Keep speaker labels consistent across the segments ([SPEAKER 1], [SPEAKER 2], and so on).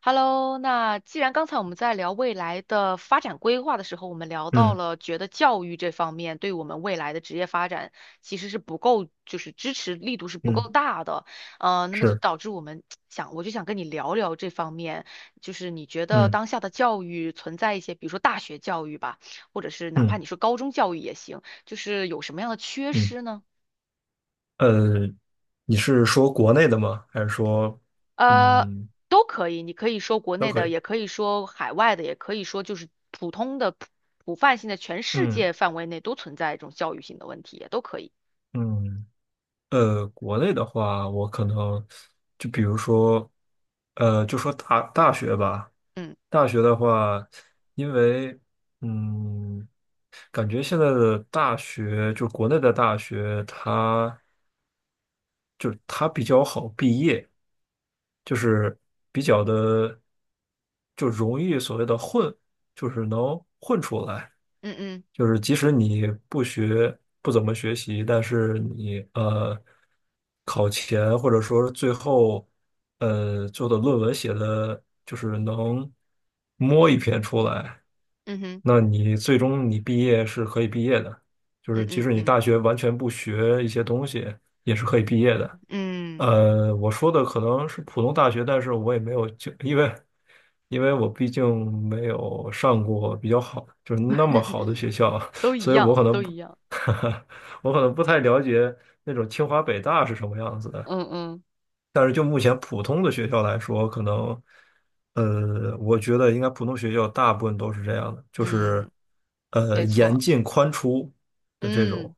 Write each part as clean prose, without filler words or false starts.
[SPEAKER 1] Hello，那既然刚才我们在聊未来的发展规划的时候，我们聊到
[SPEAKER 2] 嗯
[SPEAKER 1] 了觉得教育这方面对我们未来的职业发展其实是不够，就是支持力度是不够
[SPEAKER 2] 嗯，
[SPEAKER 1] 大的，那么就
[SPEAKER 2] 是，
[SPEAKER 1] 导致我就想跟你聊聊这方面，就是你觉得
[SPEAKER 2] 嗯
[SPEAKER 1] 当下的教育存在一些，比如说大学教育吧，或者是哪怕
[SPEAKER 2] 嗯
[SPEAKER 1] 你说高中教育也行，就是有什么样的缺
[SPEAKER 2] 嗯，
[SPEAKER 1] 失呢？
[SPEAKER 2] 呃，你是说国内的吗？还是说，
[SPEAKER 1] 呃，
[SPEAKER 2] 嗯，
[SPEAKER 1] 都可以，你可以说国
[SPEAKER 2] 都
[SPEAKER 1] 内
[SPEAKER 2] 可
[SPEAKER 1] 的，
[SPEAKER 2] 以。
[SPEAKER 1] 也可以说海外的，也可以说就是普通的普泛性的，全世
[SPEAKER 2] 嗯
[SPEAKER 1] 界范围内都存在这种教育性的问题，也都可以。
[SPEAKER 2] 嗯，国内的话，我可能就比如说，就说大学吧。
[SPEAKER 1] 嗯
[SPEAKER 2] 大学的话，因为嗯，感觉现在的大学，就国内的大学，它就是它比较好毕业，就是比较的就容易所谓的混，就是能混出来。
[SPEAKER 1] 嗯嗯。
[SPEAKER 2] 就是即使你不学，不怎么学习，但是你考前或者说最后做的论文写的就是能摸一篇出来，
[SPEAKER 1] 嗯哼。
[SPEAKER 2] 那你最终你毕业是可以毕业的。就
[SPEAKER 1] 嗯
[SPEAKER 2] 是即
[SPEAKER 1] 嗯
[SPEAKER 2] 使你
[SPEAKER 1] 嗯
[SPEAKER 2] 大学完全不学一些东西，也是可以毕业的。
[SPEAKER 1] 嗯，
[SPEAKER 2] 我说的可能是普通大学，但是我也没有就因为因为我毕竟没有上过比较好，就是那么好的学校啊，
[SPEAKER 1] 都 一
[SPEAKER 2] 所以我
[SPEAKER 1] 样，
[SPEAKER 2] 可能
[SPEAKER 1] 都
[SPEAKER 2] 不，
[SPEAKER 1] 一样。
[SPEAKER 2] 我可能不太了解那种清华北大是什么样子的。
[SPEAKER 1] 嗯嗯
[SPEAKER 2] 但是就目前普通的学校来说，可能，我觉得应该普通学校大部分都是这样的，就是，
[SPEAKER 1] 嗯，没
[SPEAKER 2] 严
[SPEAKER 1] 错。
[SPEAKER 2] 进宽出的这种，
[SPEAKER 1] 嗯，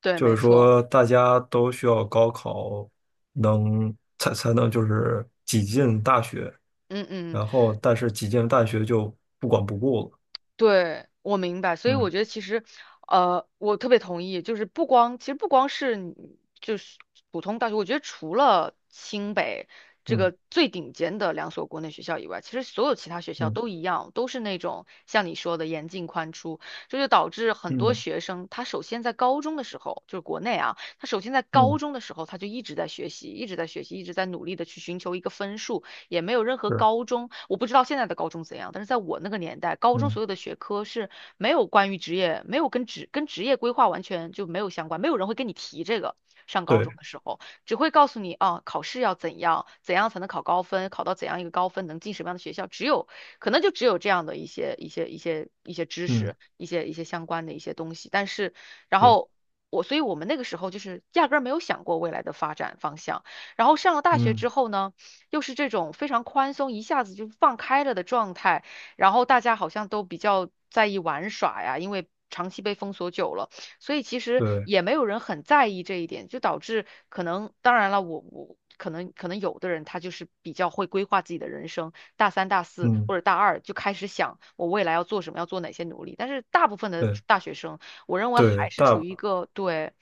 [SPEAKER 1] 对，
[SPEAKER 2] 就是
[SPEAKER 1] 没错。
[SPEAKER 2] 说大家都需要高考才能就是挤进大学，
[SPEAKER 1] 嗯嗯。
[SPEAKER 2] 然后但是挤进大学就不管不顾了，
[SPEAKER 1] 对，我明白，所以我
[SPEAKER 2] 嗯
[SPEAKER 1] 觉得其实，我特别同意，就是不光，其实不光是你就是普通大学，我觉得除了清北这
[SPEAKER 2] 嗯
[SPEAKER 1] 个最顶尖的两所国内学校以外，其实所有其他学校
[SPEAKER 2] 嗯
[SPEAKER 1] 都一样，都是那种像你说的严进宽出，这就导致很多
[SPEAKER 2] 嗯
[SPEAKER 1] 学生他首先在高中的时候，就是国内啊，他首先在
[SPEAKER 2] 嗯，
[SPEAKER 1] 高
[SPEAKER 2] 嗯，
[SPEAKER 1] 中的时候他就一直在学习，一直在学习，一直在努力的去寻求一个分数。也没有任何
[SPEAKER 2] 是，
[SPEAKER 1] 高中，我不知道现在的高中怎样，但是在我那个年代，高中
[SPEAKER 2] 嗯，
[SPEAKER 1] 所有的学科是没有关于职业，没有跟职业规划完全就没有相关，没有人会跟你提这个。上高中
[SPEAKER 2] 对，
[SPEAKER 1] 的时候，只会告诉你啊，考试要怎样，怎样才能考高分，考到怎样一个高分，能进什么样的学校，只有可能就只有这样的一些知
[SPEAKER 2] 嗯，
[SPEAKER 1] 识，一些相关的一些东西。但是，然
[SPEAKER 2] 对，
[SPEAKER 1] 后所以我们那个时候就是压根儿没有想过未来的发展方向。然后上了大学
[SPEAKER 2] 嗯，
[SPEAKER 1] 之后呢？又是这种非常宽松，一下子就放开了的状态，然后大家好像都比较在意玩耍呀，因为长期被封锁久了，所以其实
[SPEAKER 2] 对，
[SPEAKER 1] 也没有人很在意这一点，就导致可能，当然了，我可能有的人他就是比较会规划自己的人生，大三、大四
[SPEAKER 2] 嗯，
[SPEAKER 1] 或者大二就开始想我未来要做什么，要做哪些努力，但是大部分的
[SPEAKER 2] 对
[SPEAKER 1] 大学生，我认为
[SPEAKER 2] 对，
[SPEAKER 1] 还是处
[SPEAKER 2] 大。
[SPEAKER 1] 于一个对，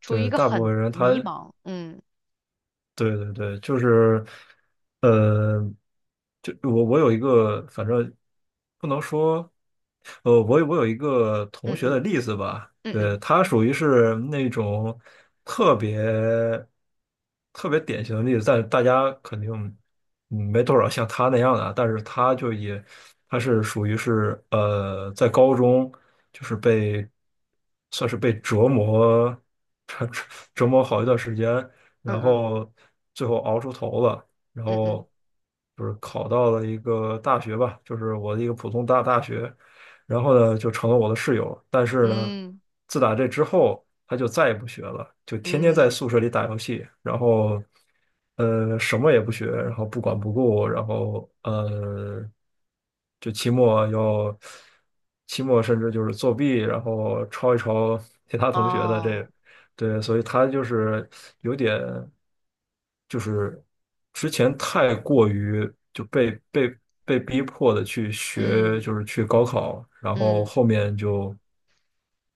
[SPEAKER 1] 处于一
[SPEAKER 2] 对，
[SPEAKER 1] 个
[SPEAKER 2] 大部
[SPEAKER 1] 很
[SPEAKER 2] 分人
[SPEAKER 1] 迷
[SPEAKER 2] 他，
[SPEAKER 1] 茫。嗯
[SPEAKER 2] 对对对，就是，呃，就我有一个，反正不能说，我有一个
[SPEAKER 1] 嗯
[SPEAKER 2] 同学
[SPEAKER 1] 嗯
[SPEAKER 2] 的例子吧，
[SPEAKER 1] 嗯
[SPEAKER 2] 对，
[SPEAKER 1] 嗯
[SPEAKER 2] 他属于是那种特别特别典型的例子，但是大家肯定嗯没多少像他那样的啊，但是他就也他是属于是在高中就是被算是被折磨 折折磨好一段时间。
[SPEAKER 1] 嗯
[SPEAKER 2] 然
[SPEAKER 1] 嗯嗯
[SPEAKER 2] 后最后熬出头了，然
[SPEAKER 1] 嗯。嗯
[SPEAKER 2] 后就是考到了一个大学吧，就是我的一个普通大学，然后呢就成了我的室友，但是呢，
[SPEAKER 1] 嗯
[SPEAKER 2] 自打这之后他就再也不学了，就天天在
[SPEAKER 1] 嗯。
[SPEAKER 2] 宿舍里打游戏，然后什么也不学，然后不管不顾，然后就期末甚至就是作弊，然后抄一抄其他同学的
[SPEAKER 1] 哦。
[SPEAKER 2] 这对，所以他就是有点，就是之前太过于就被被逼迫的去学，
[SPEAKER 1] 嗯
[SPEAKER 2] 就是去高考，然后
[SPEAKER 1] 嗯。
[SPEAKER 2] 后面就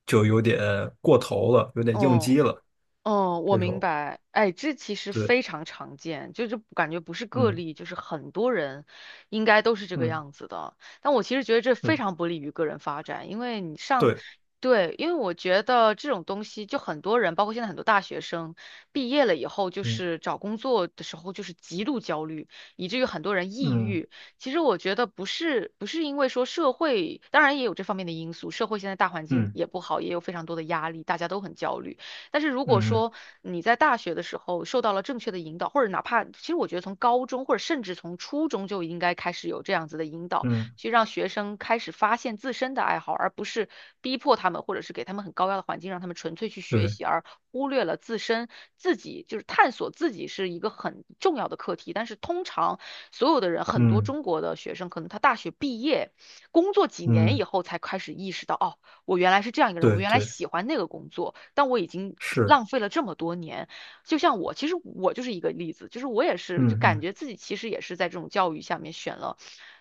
[SPEAKER 2] 就有点过头了，有点应
[SPEAKER 1] 哦。
[SPEAKER 2] 激了
[SPEAKER 1] 哦，我
[SPEAKER 2] 这
[SPEAKER 1] 明
[SPEAKER 2] 种。
[SPEAKER 1] 白。哎，这其实
[SPEAKER 2] 对，
[SPEAKER 1] 非常常见，就是感觉不是个
[SPEAKER 2] 嗯
[SPEAKER 1] 例，就是很多人应该都是这个
[SPEAKER 2] 嗯
[SPEAKER 1] 样子的。但我其实觉得这非
[SPEAKER 2] 嗯，
[SPEAKER 1] 常不利于个人发展，因为你上，
[SPEAKER 2] 对，
[SPEAKER 1] 对，因为我觉得这种东西，就很多人，包括现在很多大学生毕业了以后，就
[SPEAKER 2] 嗯
[SPEAKER 1] 是找工作的时候就是极度焦虑，以至于很多人抑
[SPEAKER 2] 嗯
[SPEAKER 1] 郁。其实我觉得不是因为说社会，当然也有这方面的因素，社会现在大环境
[SPEAKER 2] 嗯
[SPEAKER 1] 也不好，也有非常多的压力，大家都很焦虑。但是如果
[SPEAKER 2] 嗯
[SPEAKER 1] 说你在大学的时候受到了正确的引导，或者哪怕其实我觉得从高中或者甚至从初中就应该开始有这样子的引导，
[SPEAKER 2] 嗯，
[SPEAKER 1] 去让学生开始发现自身的爱好，而不是逼迫他们，或者是给他们很高压的环境，让他们纯粹去学
[SPEAKER 2] 对，
[SPEAKER 1] 习，而忽略了自身自己就是探索自己是一个很重要的课题。但是通常所有的人，很多
[SPEAKER 2] 嗯
[SPEAKER 1] 中国的学生，可能他大学毕业工作几年以
[SPEAKER 2] 嗯，
[SPEAKER 1] 后才开始意识到，哦，我原来是这样一个人，
[SPEAKER 2] 对
[SPEAKER 1] 我原来
[SPEAKER 2] 对，
[SPEAKER 1] 喜欢那个工作，但我已经
[SPEAKER 2] 是，
[SPEAKER 1] 浪费了这么多年。就像我，其实我就是一个例子，就是我也是，就
[SPEAKER 2] 嗯
[SPEAKER 1] 感
[SPEAKER 2] 嗯
[SPEAKER 1] 觉自己其实也是在这种教育下面选了，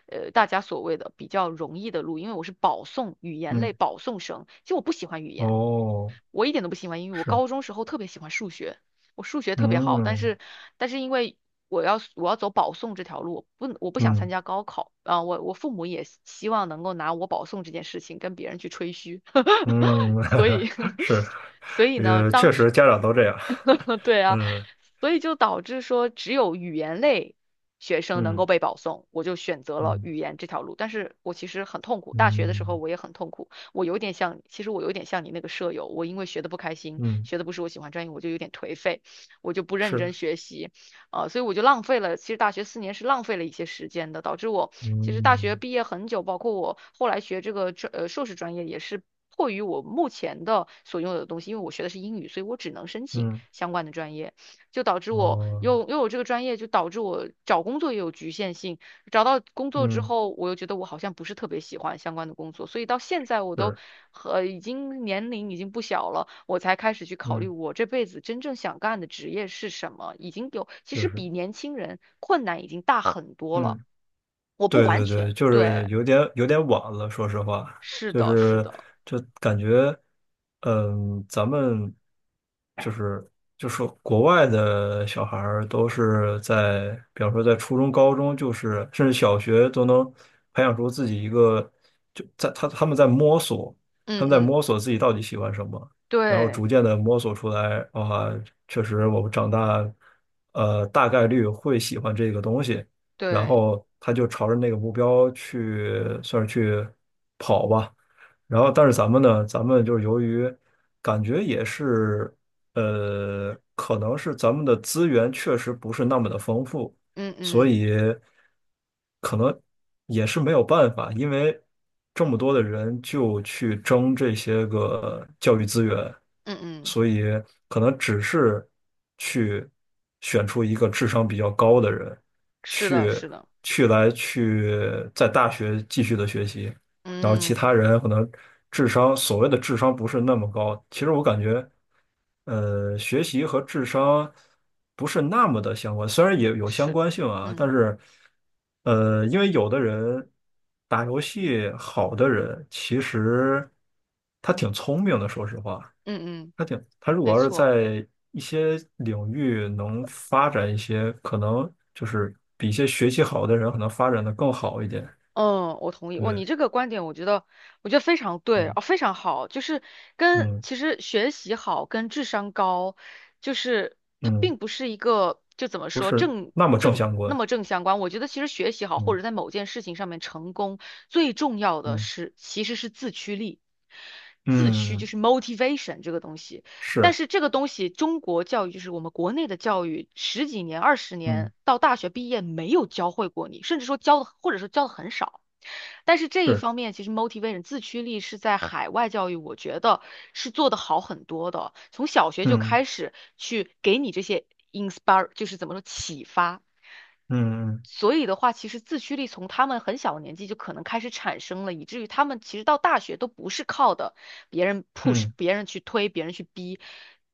[SPEAKER 1] 大家所谓的比较容易的路，因为我是保送语言类
[SPEAKER 2] 嗯，
[SPEAKER 1] 保送生，其实我不喜欢语言。
[SPEAKER 2] 哦，
[SPEAKER 1] 我一点都不喜欢英语，我
[SPEAKER 2] 是，
[SPEAKER 1] 高中时候特别喜欢数学，我数学特别好，但
[SPEAKER 2] 嗯
[SPEAKER 1] 是但是因为我要走保送这条路，不我不想参
[SPEAKER 2] 嗯。
[SPEAKER 1] 加高考啊，我我父母也希望能够拿我保送这件事情跟别人去吹嘘，
[SPEAKER 2] 嗯，
[SPEAKER 1] 所以
[SPEAKER 2] 是，
[SPEAKER 1] 所以呢，当
[SPEAKER 2] 确
[SPEAKER 1] 时
[SPEAKER 2] 实家长都这样。
[SPEAKER 1] 对啊，
[SPEAKER 2] 嗯
[SPEAKER 1] 所以就导致说只有语言类学生能够
[SPEAKER 2] 嗯
[SPEAKER 1] 被保送，我就选择了
[SPEAKER 2] 嗯
[SPEAKER 1] 语言这条路。但是我其实很痛苦，大学的时候
[SPEAKER 2] 嗯
[SPEAKER 1] 我也很痛苦，我有点像，其实我有点像你那个舍友，我因为学的不开心，
[SPEAKER 2] 嗯，
[SPEAKER 1] 学的不是我喜欢专业，我就有点颓废，我就不认真
[SPEAKER 2] 是，
[SPEAKER 1] 学习，所以我就浪费了，其实大学4年是浪费了一些时间的，导致我其实大学
[SPEAKER 2] 嗯
[SPEAKER 1] 毕业很久，包括我后来学这个硕士专业也是。迫于我目前的所拥有的东西，因为我学的是英语，所以我只能申请。
[SPEAKER 2] 嗯，
[SPEAKER 1] 相关的专业，就导致我
[SPEAKER 2] 哦，
[SPEAKER 1] 又有这个专业，就导致我找工作也有局限性。找到工作之
[SPEAKER 2] 嗯，
[SPEAKER 1] 后，我又觉得我好像不是特别喜欢相关的工作，所以到现在我都
[SPEAKER 2] 是，
[SPEAKER 1] 和已经年龄已经不小了，我才开始去考虑
[SPEAKER 2] 嗯，
[SPEAKER 1] 我这辈子真正想干的职业是什么。已经有，其
[SPEAKER 2] 就
[SPEAKER 1] 实
[SPEAKER 2] 是，
[SPEAKER 1] 比年轻人困难已经大很多了。
[SPEAKER 2] 嗯。
[SPEAKER 1] 我不
[SPEAKER 2] 对
[SPEAKER 1] 完
[SPEAKER 2] 对对，
[SPEAKER 1] 全，
[SPEAKER 2] 就是
[SPEAKER 1] 对，
[SPEAKER 2] 有点有点晚了，说实话，
[SPEAKER 1] 是
[SPEAKER 2] 就
[SPEAKER 1] 的，是
[SPEAKER 2] 是
[SPEAKER 1] 的。
[SPEAKER 2] 就感觉，嗯，咱们就是就说国外的小孩儿都是在，比方说在初中、高中，就是甚至小学都能培养出自己一个，就他们在摸索，
[SPEAKER 1] 嗯
[SPEAKER 2] 他们在
[SPEAKER 1] 嗯。
[SPEAKER 2] 摸索自己到底喜欢什么，然后
[SPEAKER 1] 对
[SPEAKER 2] 逐渐的摸索出来，啊，确实我们长大，大概率会喜欢这个东西。然
[SPEAKER 1] 对。
[SPEAKER 2] 后他就朝着那个目标去，算是去跑吧。然后，但是咱们呢，咱们就是由于感觉也是，可能是咱们的资源确实不是那么的丰富，
[SPEAKER 1] 嗯
[SPEAKER 2] 所
[SPEAKER 1] 嗯
[SPEAKER 2] 以可能也是没有办法，因为这么多的人就去争这些个教育资源，
[SPEAKER 1] 嗯嗯。
[SPEAKER 2] 所以可能只是去选出一个智商比较高的人，
[SPEAKER 1] 是的，
[SPEAKER 2] 去
[SPEAKER 1] 是的。
[SPEAKER 2] 去在大学继续的学习，然后其他
[SPEAKER 1] 嗯。
[SPEAKER 2] 人可能智商，所谓的智商不是那么高。其实我感觉，学习和智商不是那么的相关，虽然也有相
[SPEAKER 1] 是。
[SPEAKER 2] 关性啊，
[SPEAKER 1] 嗯
[SPEAKER 2] 但是，因为有的人打游戏好的人，其实他挺聪明的，说实话，
[SPEAKER 1] 嗯嗯，
[SPEAKER 2] 他挺，他如
[SPEAKER 1] 没
[SPEAKER 2] 果要是
[SPEAKER 1] 错。
[SPEAKER 2] 在一些领域能发展一些，可能就是比一些学习好的人可能发展的更好一点。
[SPEAKER 1] 嗯，我同意。哇，你
[SPEAKER 2] 对，
[SPEAKER 1] 这个观点，我觉得，我觉得非常对，哦，
[SPEAKER 2] 嗯
[SPEAKER 1] 非常好，就是跟
[SPEAKER 2] 嗯
[SPEAKER 1] 其实学习好跟智商高，就是它
[SPEAKER 2] 嗯。
[SPEAKER 1] 并不是一个就怎么
[SPEAKER 2] 不
[SPEAKER 1] 说
[SPEAKER 2] 是
[SPEAKER 1] 正
[SPEAKER 2] 那么正
[SPEAKER 1] 正
[SPEAKER 2] 相
[SPEAKER 1] 那
[SPEAKER 2] 关。
[SPEAKER 1] 么正相关。我觉得其实学习好或
[SPEAKER 2] 嗯
[SPEAKER 1] 者在某件事情上面成功，最重要的
[SPEAKER 2] 嗯
[SPEAKER 1] 是其实是自驱力，自驱就
[SPEAKER 2] 嗯，
[SPEAKER 1] 是 motivation 这个东西。但
[SPEAKER 2] 是，
[SPEAKER 1] 是这个东西，中国教育就是我们国内的教育，十几年、20年
[SPEAKER 2] 嗯，
[SPEAKER 1] 到大学毕业没有教会过你，甚至说教的，或者说教的很少。但是这一
[SPEAKER 2] 是，
[SPEAKER 1] 方面，其实 motivation 自驱力是在海外教育，我觉得是做得好很多的。从小学就
[SPEAKER 2] 嗯
[SPEAKER 1] 开始去给你这些 inspire，就是怎么说启发，
[SPEAKER 2] 嗯嗯
[SPEAKER 1] 所以的话，其实自驱力从他们很小的年纪就可能开始产生了，以至于他们其实到大学都不是靠的别人 push、
[SPEAKER 2] 嗯，
[SPEAKER 1] 别人去推、别人去逼，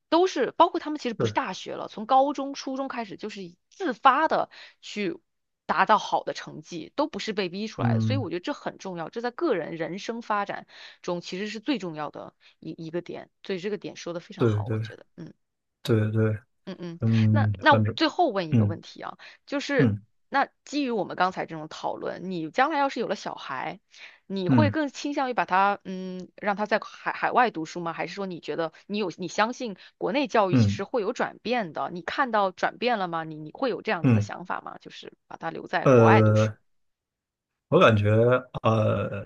[SPEAKER 1] 都是包括他们其实不是
[SPEAKER 2] 是，
[SPEAKER 1] 大学了，从高中、初中开始就是自发的去达到好的成绩，都不是被逼出来的。所以
[SPEAKER 2] 嗯，
[SPEAKER 1] 我觉得这很重要，这在个人人生发展中其实是最重要的一个点。所以这个点说的非常
[SPEAKER 2] 对
[SPEAKER 1] 好，我
[SPEAKER 2] 对
[SPEAKER 1] 觉得，嗯。
[SPEAKER 2] 对对，
[SPEAKER 1] 嗯嗯，那
[SPEAKER 2] 嗯，
[SPEAKER 1] 那
[SPEAKER 2] 反正
[SPEAKER 1] 最后问一个
[SPEAKER 2] 嗯
[SPEAKER 1] 问题啊，就是
[SPEAKER 2] 嗯
[SPEAKER 1] 那基于我们刚才这种讨论，你将来要是有了小孩，你会
[SPEAKER 2] 嗯
[SPEAKER 1] 更倾向于把他嗯让他在海外读书吗？还是说你觉得你有你相信国内教育其实
[SPEAKER 2] 嗯
[SPEAKER 1] 会有转变的？你看到转变了吗？你会有这样子的
[SPEAKER 2] 嗯，
[SPEAKER 1] 想法吗？就是把他留在国外读书，
[SPEAKER 2] 呃，我感觉呃，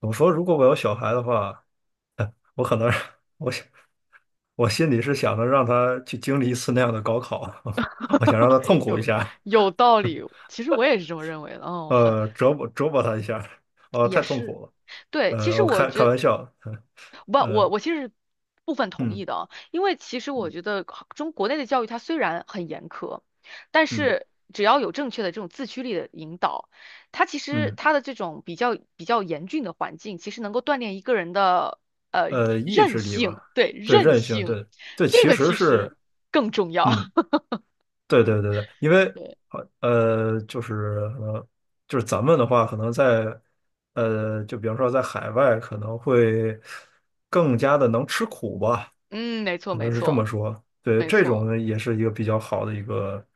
[SPEAKER 2] 怎么说？如果我有小孩的话，我可能 我想我心里是想着让他去经历一次那样的高考，我想让他 痛苦一
[SPEAKER 1] 有
[SPEAKER 2] 下，
[SPEAKER 1] 有道理，其实我也是这么认为的。哦，很
[SPEAKER 2] 折磨折磨他一下，
[SPEAKER 1] 也
[SPEAKER 2] 太痛
[SPEAKER 1] 是。
[SPEAKER 2] 苦了。
[SPEAKER 1] 对，其实
[SPEAKER 2] 我
[SPEAKER 1] 我
[SPEAKER 2] 开开
[SPEAKER 1] 觉
[SPEAKER 2] 玩笑，
[SPEAKER 1] 不，我
[SPEAKER 2] 呃，
[SPEAKER 1] 我其实是部分同意
[SPEAKER 2] 嗯
[SPEAKER 1] 的啊，因为其实我觉
[SPEAKER 2] 嗯
[SPEAKER 1] 得中国内的教育它虽然很严苛，但
[SPEAKER 2] 嗯
[SPEAKER 1] 是只要有正确的这种自驱力的引导，它其实
[SPEAKER 2] 嗯，
[SPEAKER 1] 它的这种比较严峻的环境，其实能够锻炼一个人的呃
[SPEAKER 2] 意
[SPEAKER 1] 韧
[SPEAKER 2] 志力
[SPEAKER 1] 性，
[SPEAKER 2] 吧，
[SPEAKER 1] 对，
[SPEAKER 2] 对，
[SPEAKER 1] 韧
[SPEAKER 2] 韧性，
[SPEAKER 1] 性，
[SPEAKER 2] 对对，
[SPEAKER 1] 这
[SPEAKER 2] 其
[SPEAKER 1] 个
[SPEAKER 2] 实
[SPEAKER 1] 其实
[SPEAKER 2] 是，
[SPEAKER 1] 更重要。
[SPEAKER 2] 嗯，对对对对，因为
[SPEAKER 1] 对，
[SPEAKER 2] 就是呃，就是咱们的话，可能在就比方说在海外，可能会更加的能吃苦吧，
[SPEAKER 1] 嗯，没错，
[SPEAKER 2] 可
[SPEAKER 1] 没
[SPEAKER 2] 能是这么
[SPEAKER 1] 错，
[SPEAKER 2] 说，对，
[SPEAKER 1] 没
[SPEAKER 2] 这
[SPEAKER 1] 错。
[SPEAKER 2] 种也是一个比较好的一个，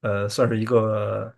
[SPEAKER 2] 算是一个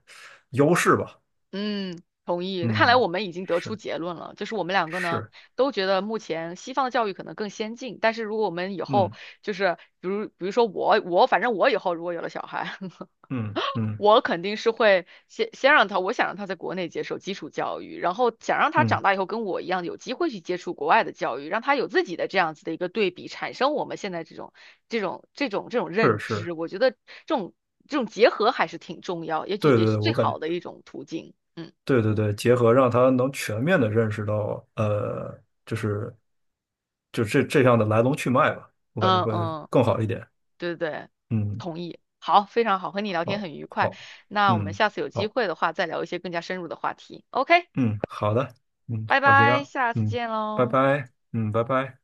[SPEAKER 2] 优势吧，
[SPEAKER 1] 嗯，同意。看来
[SPEAKER 2] 嗯，
[SPEAKER 1] 我们已经得出
[SPEAKER 2] 是
[SPEAKER 1] 结论了，就是我们两个呢
[SPEAKER 2] 是，
[SPEAKER 1] 都觉得目前西方的教育可能更先进，但是如果我们以后
[SPEAKER 2] 嗯。
[SPEAKER 1] 就是比如说我我反正我以后如果有了小孩，
[SPEAKER 2] 嗯嗯
[SPEAKER 1] 我肯定是会先让他，我想让他在国内接受基础教育，然后想让他长
[SPEAKER 2] 嗯，
[SPEAKER 1] 大以后跟我一样有机会去接触国外的教育，让他有自己的这样子的一个对比，产生我们现在这种这种
[SPEAKER 2] 是
[SPEAKER 1] 认
[SPEAKER 2] 是，
[SPEAKER 1] 知。我觉得种这种结合还是挺重要，也也
[SPEAKER 2] 对
[SPEAKER 1] 也是
[SPEAKER 2] 对，
[SPEAKER 1] 最
[SPEAKER 2] 我感觉
[SPEAKER 1] 好的一种途径。嗯。
[SPEAKER 2] 对对对，结合让他能全面的认识到，就是就这这样的来龙去脉吧，我感觉
[SPEAKER 1] 嗯
[SPEAKER 2] 会
[SPEAKER 1] 嗯，
[SPEAKER 2] 更好一点。
[SPEAKER 1] 对对对，
[SPEAKER 2] 嗯，
[SPEAKER 1] 同意。好，非常好，和你聊天
[SPEAKER 2] 好，
[SPEAKER 1] 很愉快。
[SPEAKER 2] 好，
[SPEAKER 1] 那我们
[SPEAKER 2] 嗯，
[SPEAKER 1] 下次有机
[SPEAKER 2] 好，
[SPEAKER 1] 会的话，再聊一些更加深入的话题。OK，
[SPEAKER 2] 嗯，好的，嗯，
[SPEAKER 1] 拜
[SPEAKER 2] 好，就这
[SPEAKER 1] 拜，
[SPEAKER 2] 样，
[SPEAKER 1] 下次
[SPEAKER 2] 嗯，
[SPEAKER 1] 见
[SPEAKER 2] 拜
[SPEAKER 1] 喽。
[SPEAKER 2] 拜，嗯，拜拜。